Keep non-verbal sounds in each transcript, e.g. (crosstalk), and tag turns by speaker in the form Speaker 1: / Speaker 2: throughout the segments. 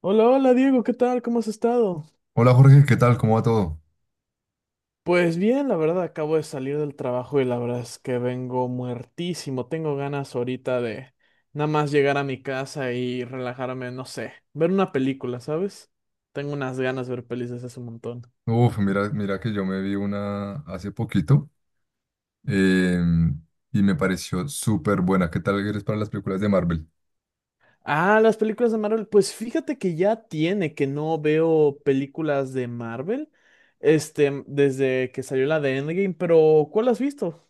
Speaker 1: Hola, hola Diego, ¿qué tal? ¿Cómo has estado?
Speaker 2: Hola Jorge, ¿qué tal? ¿Cómo va todo?
Speaker 1: Pues bien, la verdad, acabo de salir del trabajo y la verdad es que vengo muertísimo. Tengo ganas ahorita de nada más llegar a mi casa y relajarme, no sé, ver una película, ¿sabes? Tengo unas ganas de ver pelis desde hace un montón.
Speaker 2: Uf, mira, que yo me vi una hace poquito eh, y me pareció súper buena. ¿Qué tal eres para las películas de Marvel?
Speaker 1: Ah, las películas de Marvel. Pues fíjate que ya tiene que no veo películas de Marvel, este, desde que salió la de Endgame, pero ¿cuál has visto?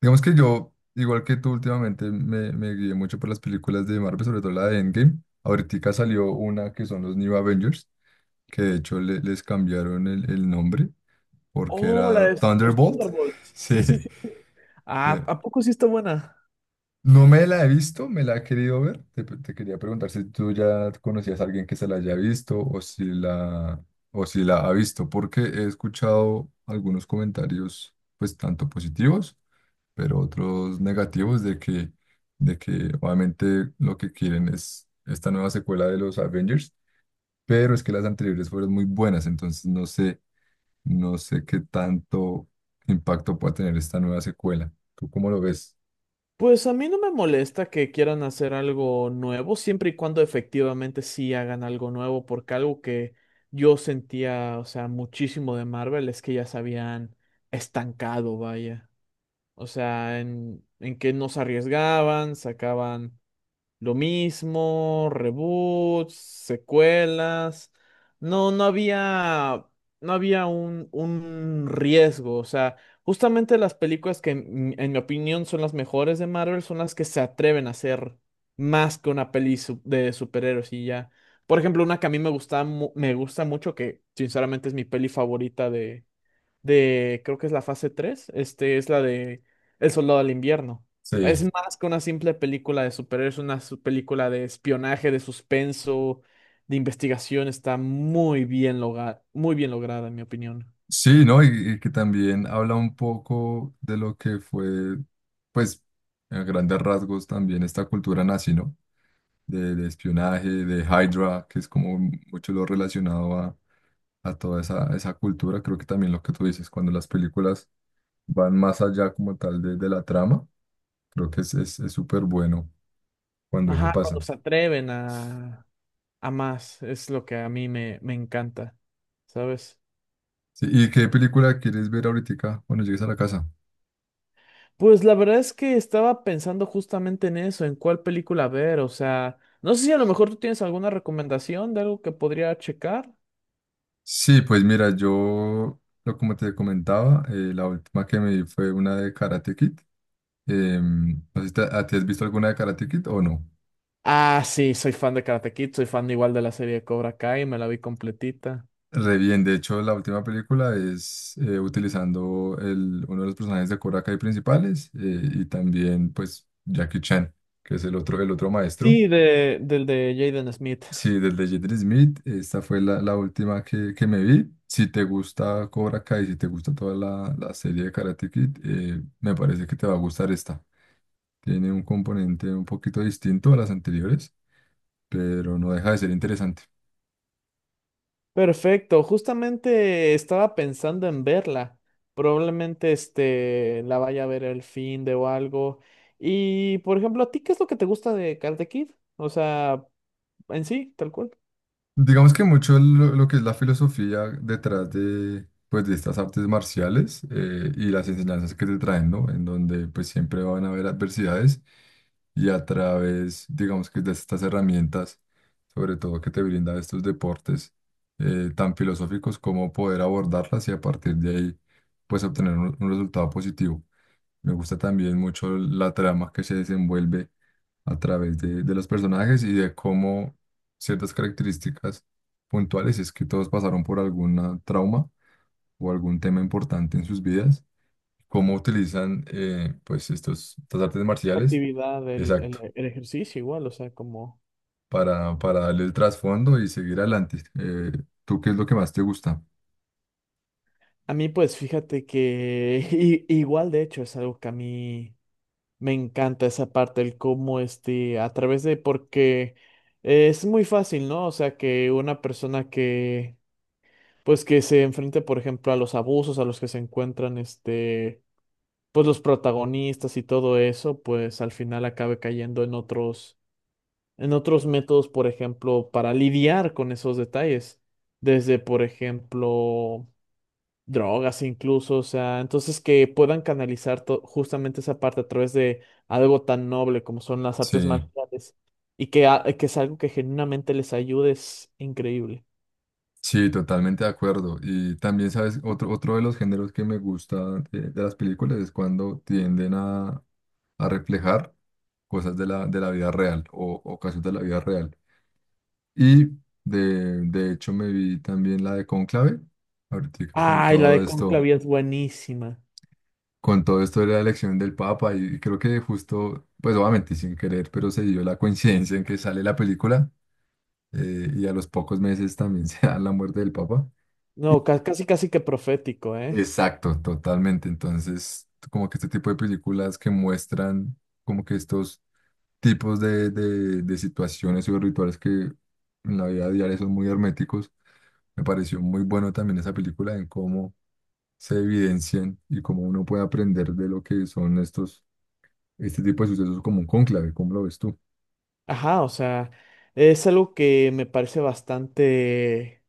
Speaker 2: Digamos que yo, igual que tú últimamente, me guié mucho por las películas de Marvel, sobre todo la de Endgame. Ahorita salió una que son los New Avengers, que de hecho les cambiaron el nombre porque
Speaker 1: Oh, la
Speaker 2: era
Speaker 1: de los
Speaker 2: Thunderbolt. (laughs)
Speaker 1: Thunderbolts.
Speaker 2: Sí,
Speaker 1: Sí, sí, sí. Sí. Ah,
Speaker 2: pe-
Speaker 1: ¿a poco sí está buena?
Speaker 2: no me la he visto, me la he querido ver. Te quería preguntar si tú ya conocías a alguien que se la haya visto o si la ha visto, porque he escuchado algunos comentarios, pues tanto positivos, pero otros negativos de que obviamente lo que quieren es esta nueva secuela de los Avengers, pero es que las anteriores fueron muy buenas, entonces no sé, no sé qué tanto impacto pueda tener esta nueva secuela. ¿Tú cómo lo ves?
Speaker 1: Pues a mí no me molesta que quieran hacer algo nuevo, siempre y cuando efectivamente sí hagan algo nuevo, porque algo que yo sentía, o sea, muchísimo de Marvel es que ya se habían estancado, vaya. O sea, en que no se arriesgaban, sacaban lo mismo, reboots, secuelas. No, no había, no había un riesgo. O sea, justamente las películas que en mi opinión son las mejores de Marvel son las que se atreven a hacer más que una peli de superhéroes y ya. Por ejemplo, una que a mí me gusta, me gusta mucho, que sinceramente es mi peli favorita de, creo que es la fase 3 este es la de El Soldado del Invierno. Es
Speaker 2: Sí.
Speaker 1: más que una simple película de superhéroes, una película de espionaje, de suspenso, de investigación, está muy bien muy bien lograda, en mi opinión.
Speaker 2: Sí, ¿no? Y que también habla un poco de lo que fue, pues, a grandes rasgos también esta cultura nazi, ¿no? De espionaje, de Hydra, que es como mucho lo relacionado a toda esa cultura. Creo que también lo que tú dices, cuando las películas van más allá como tal de la trama, creo que es súper bueno cuando eso
Speaker 1: Ajá,
Speaker 2: pasa.
Speaker 1: cuando se atreven a más, es lo que a mí me encanta, ¿sabes?
Speaker 2: Sí, ¿y qué película quieres ver ahorita cuando llegues a la casa?
Speaker 1: Pues la verdad es que estaba pensando justamente en eso, en cuál película ver, o sea, no sé si a lo mejor tú tienes alguna recomendación de algo que podría checar.
Speaker 2: Sí, pues mira, yo, lo como te comentaba, la última que me vi fue una de Karate Kid. No sé si a ti has visto alguna de Karate Kid o no.
Speaker 1: Ah, sí, soy fan de Karate Kid, soy fan igual de la serie de Cobra Kai, me la vi completita.
Speaker 2: Re bien, de hecho, la última película es utilizando uno de los personajes de Cobra Kai principales y también, pues, Jackie Chan, que es el otro maestro.
Speaker 1: Sí, de, del de Jaden Smith.
Speaker 2: Sí, desde Jaden Smith, esta fue la última que me vi. Si te gusta Cobra Kai, si te gusta toda la serie de Karate Kid, me parece que te va a gustar esta. Tiene un componente un poquito distinto a las anteriores, pero no deja de ser interesante.
Speaker 1: Perfecto, justamente estaba pensando en verla. Probablemente este la vaya a ver el fin de o algo. Y por ejemplo, ¿a ti qué es lo que te gusta de Karate Kid? O sea, en sí, tal cual.
Speaker 2: Digamos que mucho lo que es la filosofía detrás de, pues, de estas artes marciales y las enseñanzas que te traen, ¿no? En donde pues siempre van a haber adversidades y a través, digamos que de estas herramientas, sobre todo que te brinda estos deportes tan filosóficos, como poder abordarlas y a partir de ahí pues obtener un resultado positivo. Me gusta también mucho la trama que se desenvuelve a través de los personajes y de cómo ciertas características puntuales, si es que todos pasaron por algún trauma o algún tema importante en sus vidas, cómo utilizan pues estos, estas artes
Speaker 1: La
Speaker 2: marciales,
Speaker 1: actividad,
Speaker 2: exacto,
Speaker 1: el ejercicio igual, o sea, como...
Speaker 2: para darle el trasfondo y seguir adelante. ¿Tú qué es lo que más te gusta?
Speaker 1: A mí pues fíjate que (laughs) igual de hecho es algo que a mí me encanta esa parte, el cómo este, a través de, porque es muy fácil, ¿no? O sea, que una persona que, pues que se enfrente, por ejemplo, a los abusos a los que se encuentran, este, pues los protagonistas y todo eso, pues al final acabe cayendo en otros métodos, por ejemplo, para lidiar con esos detalles. Desde, por ejemplo, drogas incluso, o sea, entonces que puedan canalizar justamente esa parte a través de algo tan noble como son las
Speaker 2: Sí,
Speaker 1: artes marciales y que, que es algo que genuinamente les ayude es increíble.
Speaker 2: sí, totalmente de acuerdo. Y también, ¿sabes? Otro, otro de los géneros que me gusta de las películas es cuando tienden a reflejar cosas de de la vida real o casos de la vida real. Y de hecho me vi también la de Cónclave, ahorita
Speaker 1: Ay, la de Conclavia es buenísima.
Speaker 2: con todo esto de la elección del Papa, y creo que justo, pues obviamente sin querer, pero se dio la coincidencia en que sale la película y a los pocos meses también (laughs) se da la muerte del Papa.
Speaker 1: No, casi casi que profético, ¿eh?
Speaker 2: Exacto, totalmente. Entonces, como que este tipo de películas que muestran como que estos tipos de situaciones y de rituales que en la vida diaria son muy herméticos. Me pareció muy bueno también esa película en cómo se evidencian y cómo uno puede aprender de lo que son estos, este tipo de sucesos como un cónclave, ¿cómo lo ves tú?
Speaker 1: Ajá, o sea, es algo que me parece bastante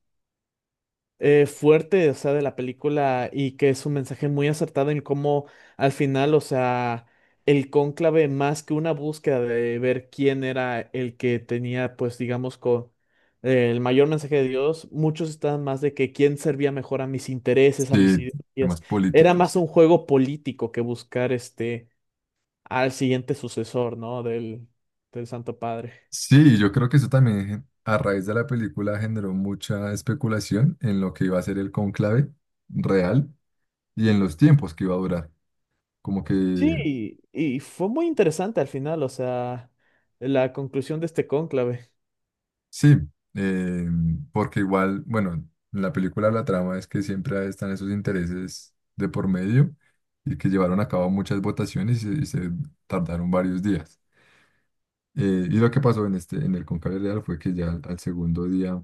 Speaker 1: fuerte, o sea, de la película y que es un mensaje muy acertado en cómo al final, o sea, el cónclave más que una búsqueda de ver quién era el que tenía, pues, digamos, con el mayor mensaje de Dios, muchos estaban más de que quién servía mejor a mis intereses, a mis
Speaker 2: Sí,
Speaker 1: ideas.
Speaker 2: temas
Speaker 1: Era más
Speaker 2: políticos.
Speaker 1: un juego político que buscar este al siguiente sucesor, ¿no? Del, del Santo Padre.
Speaker 2: Sí, yo creo que eso también a raíz de la película generó mucha especulación en lo que iba a ser el cónclave real y en los tiempos que iba a durar. Como
Speaker 1: Sí,
Speaker 2: que
Speaker 1: y fue muy interesante al final, o sea, la conclusión de este cónclave.
Speaker 2: sí, eh, porque igual, bueno, en la película la trama es que siempre están esos intereses de por medio y que llevaron a cabo muchas votaciones y se tardaron varios días. Y lo que pasó en este, en el Cónclave Real, fue que ya al segundo día,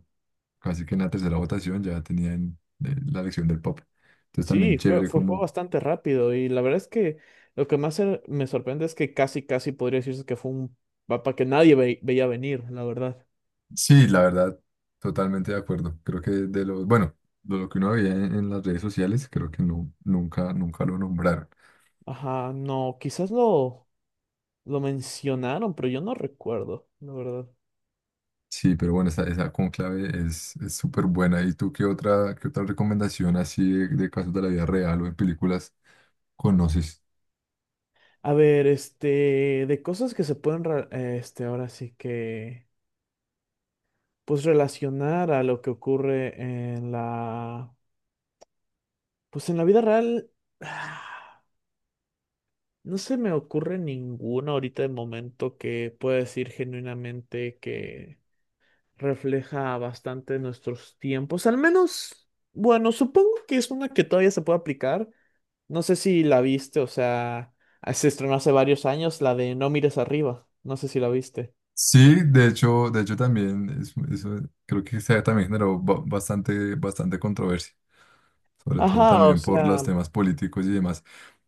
Speaker 2: casi que en la tercera votación, ya tenían la elección del Papa. Entonces también
Speaker 1: Sí, fue,
Speaker 2: chévere
Speaker 1: fue, fue
Speaker 2: como...
Speaker 1: bastante rápido y la verdad es que lo que más me sorprende es que casi, casi podría decirse que fue un mapa que nadie veía venir, la verdad.
Speaker 2: Sí, la verdad, totalmente de acuerdo. Creo que de lo, bueno, de lo que uno veía en las redes sociales, creo que no, nunca, nunca lo nombraron.
Speaker 1: Ajá, no, quizás lo mencionaron, pero yo no recuerdo, la verdad.
Speaker 2: Sí, pero bueno, esa conclave es súper buena. ¿Y tú qué otra recomendación así de casos de la vida real o en películas conoces?
Speaker 1: A ver, este, de cosas que se pueden, ahora sí que, pues relacionar a lo que ocurre en la, pues en la vida real. (sighs) No se me ocurre ninguno ahorita de momento que pueda decir genuinamente que refleja bastante nuestros tiempos. Al menos, bueno, supongo que es una que todavía se puede aplicar. No sé si la viste, o sea, ah, se estrenó hace varios años, la de No mires arriba. No sé si la viste.
Speaker 2: Sí, de hecho también eso creo que también generó bastante, bastante controversia, sobre todo
Speaker 1: Ajá, o
Speaker 2: también por los
Speaker 1: sea,
Speaker 2: temas políticos y demás.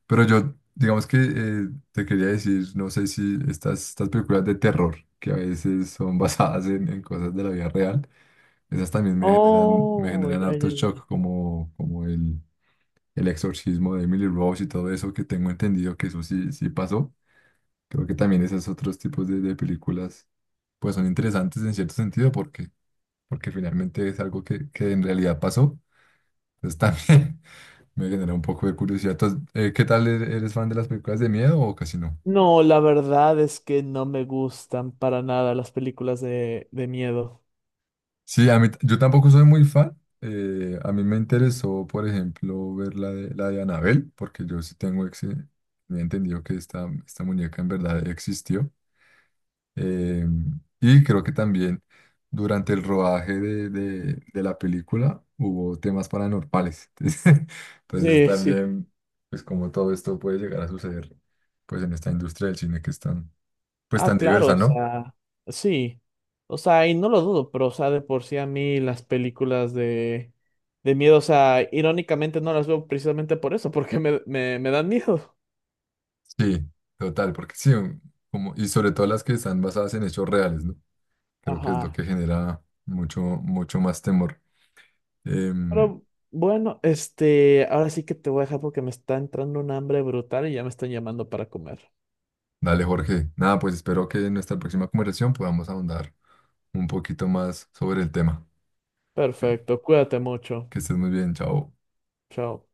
Speaker 2: Pero yo, digamos que te quería decir, no sé si estas, estas películas de terror, que a veces son (laughs) basadas en cosas de la vida real, esas también me
Speaker 1: oh,
Speaker 2: generan
Speaker 1: ya,
Speaker 2: harto
Speaker 1: ya, ya.
Speaker 2: shock, como, como el exorcismo de Emily Rose y todo eso, que tengo entendido que eso sí, sí pasó. Creo que también esos otros tipos de películas, pues son interesantes en cierto sentido, porque, porque finalmente es algo que en realidad pasó. Entonces también (laughs) me genera un poco de curiosidad. Entonces, ¿qué tal eres fan de las películas de miedo o casi no?
Speaker 1: No, la verdad es que no me gustan para nada las películas de miedo.
Speaker 2: Sí, a mí, yo tampoco soy muy fan. A mí me interesó, por ejemplo, ver la de Annabelle, porque yo sí tengo, ex, he entendido que esta muñeca en verdad existió. Eh, y creo que también durante el rodaje de la película hubo temas paranormales. (laughs) Entonces
Speaker 1: Sí, sí.
Speaker 2: también, pues como todo esto puede llegar a suceder, pues en esta industria del cine que es tan, pues
Speaker 1: Ah,
Speaker 2: tan
Speaker 1: claro,
Speaker 2: diversa,
Speaker 1: o
Speaker 2: ¿no?
Speaker 1: sea, sí. O sea, y no lo dudo, pero, o sea, de por sí a mí las películas de miedo, o sea, irónicamente no las veo precisamente por eso, (laughs) porque me dan miedo.
Speaker 2: Sí, total, porque sí, como, y sobre todo las que están basadas en hechos reales, ¿no? Creo que es lo
Speaker 1: Ajá.
Speaker 2: que genera mucho, mucho más temor. Em,
Speaker 1: Pero bueno, este, ahora sí que te voy a dejar porque me está entrando un hambre brutal y ya me están llamando para comer.
Speaker 2: Dale, Jorge. Nada, pues espero que en nuestra próxima conversación podamos ahondar un poquito más sobre el tema. Que
Speaker 1: Perfecto, cuídate mucho.
Speaker 2: que estés muy bien, chao.
Speaker 1: Chao.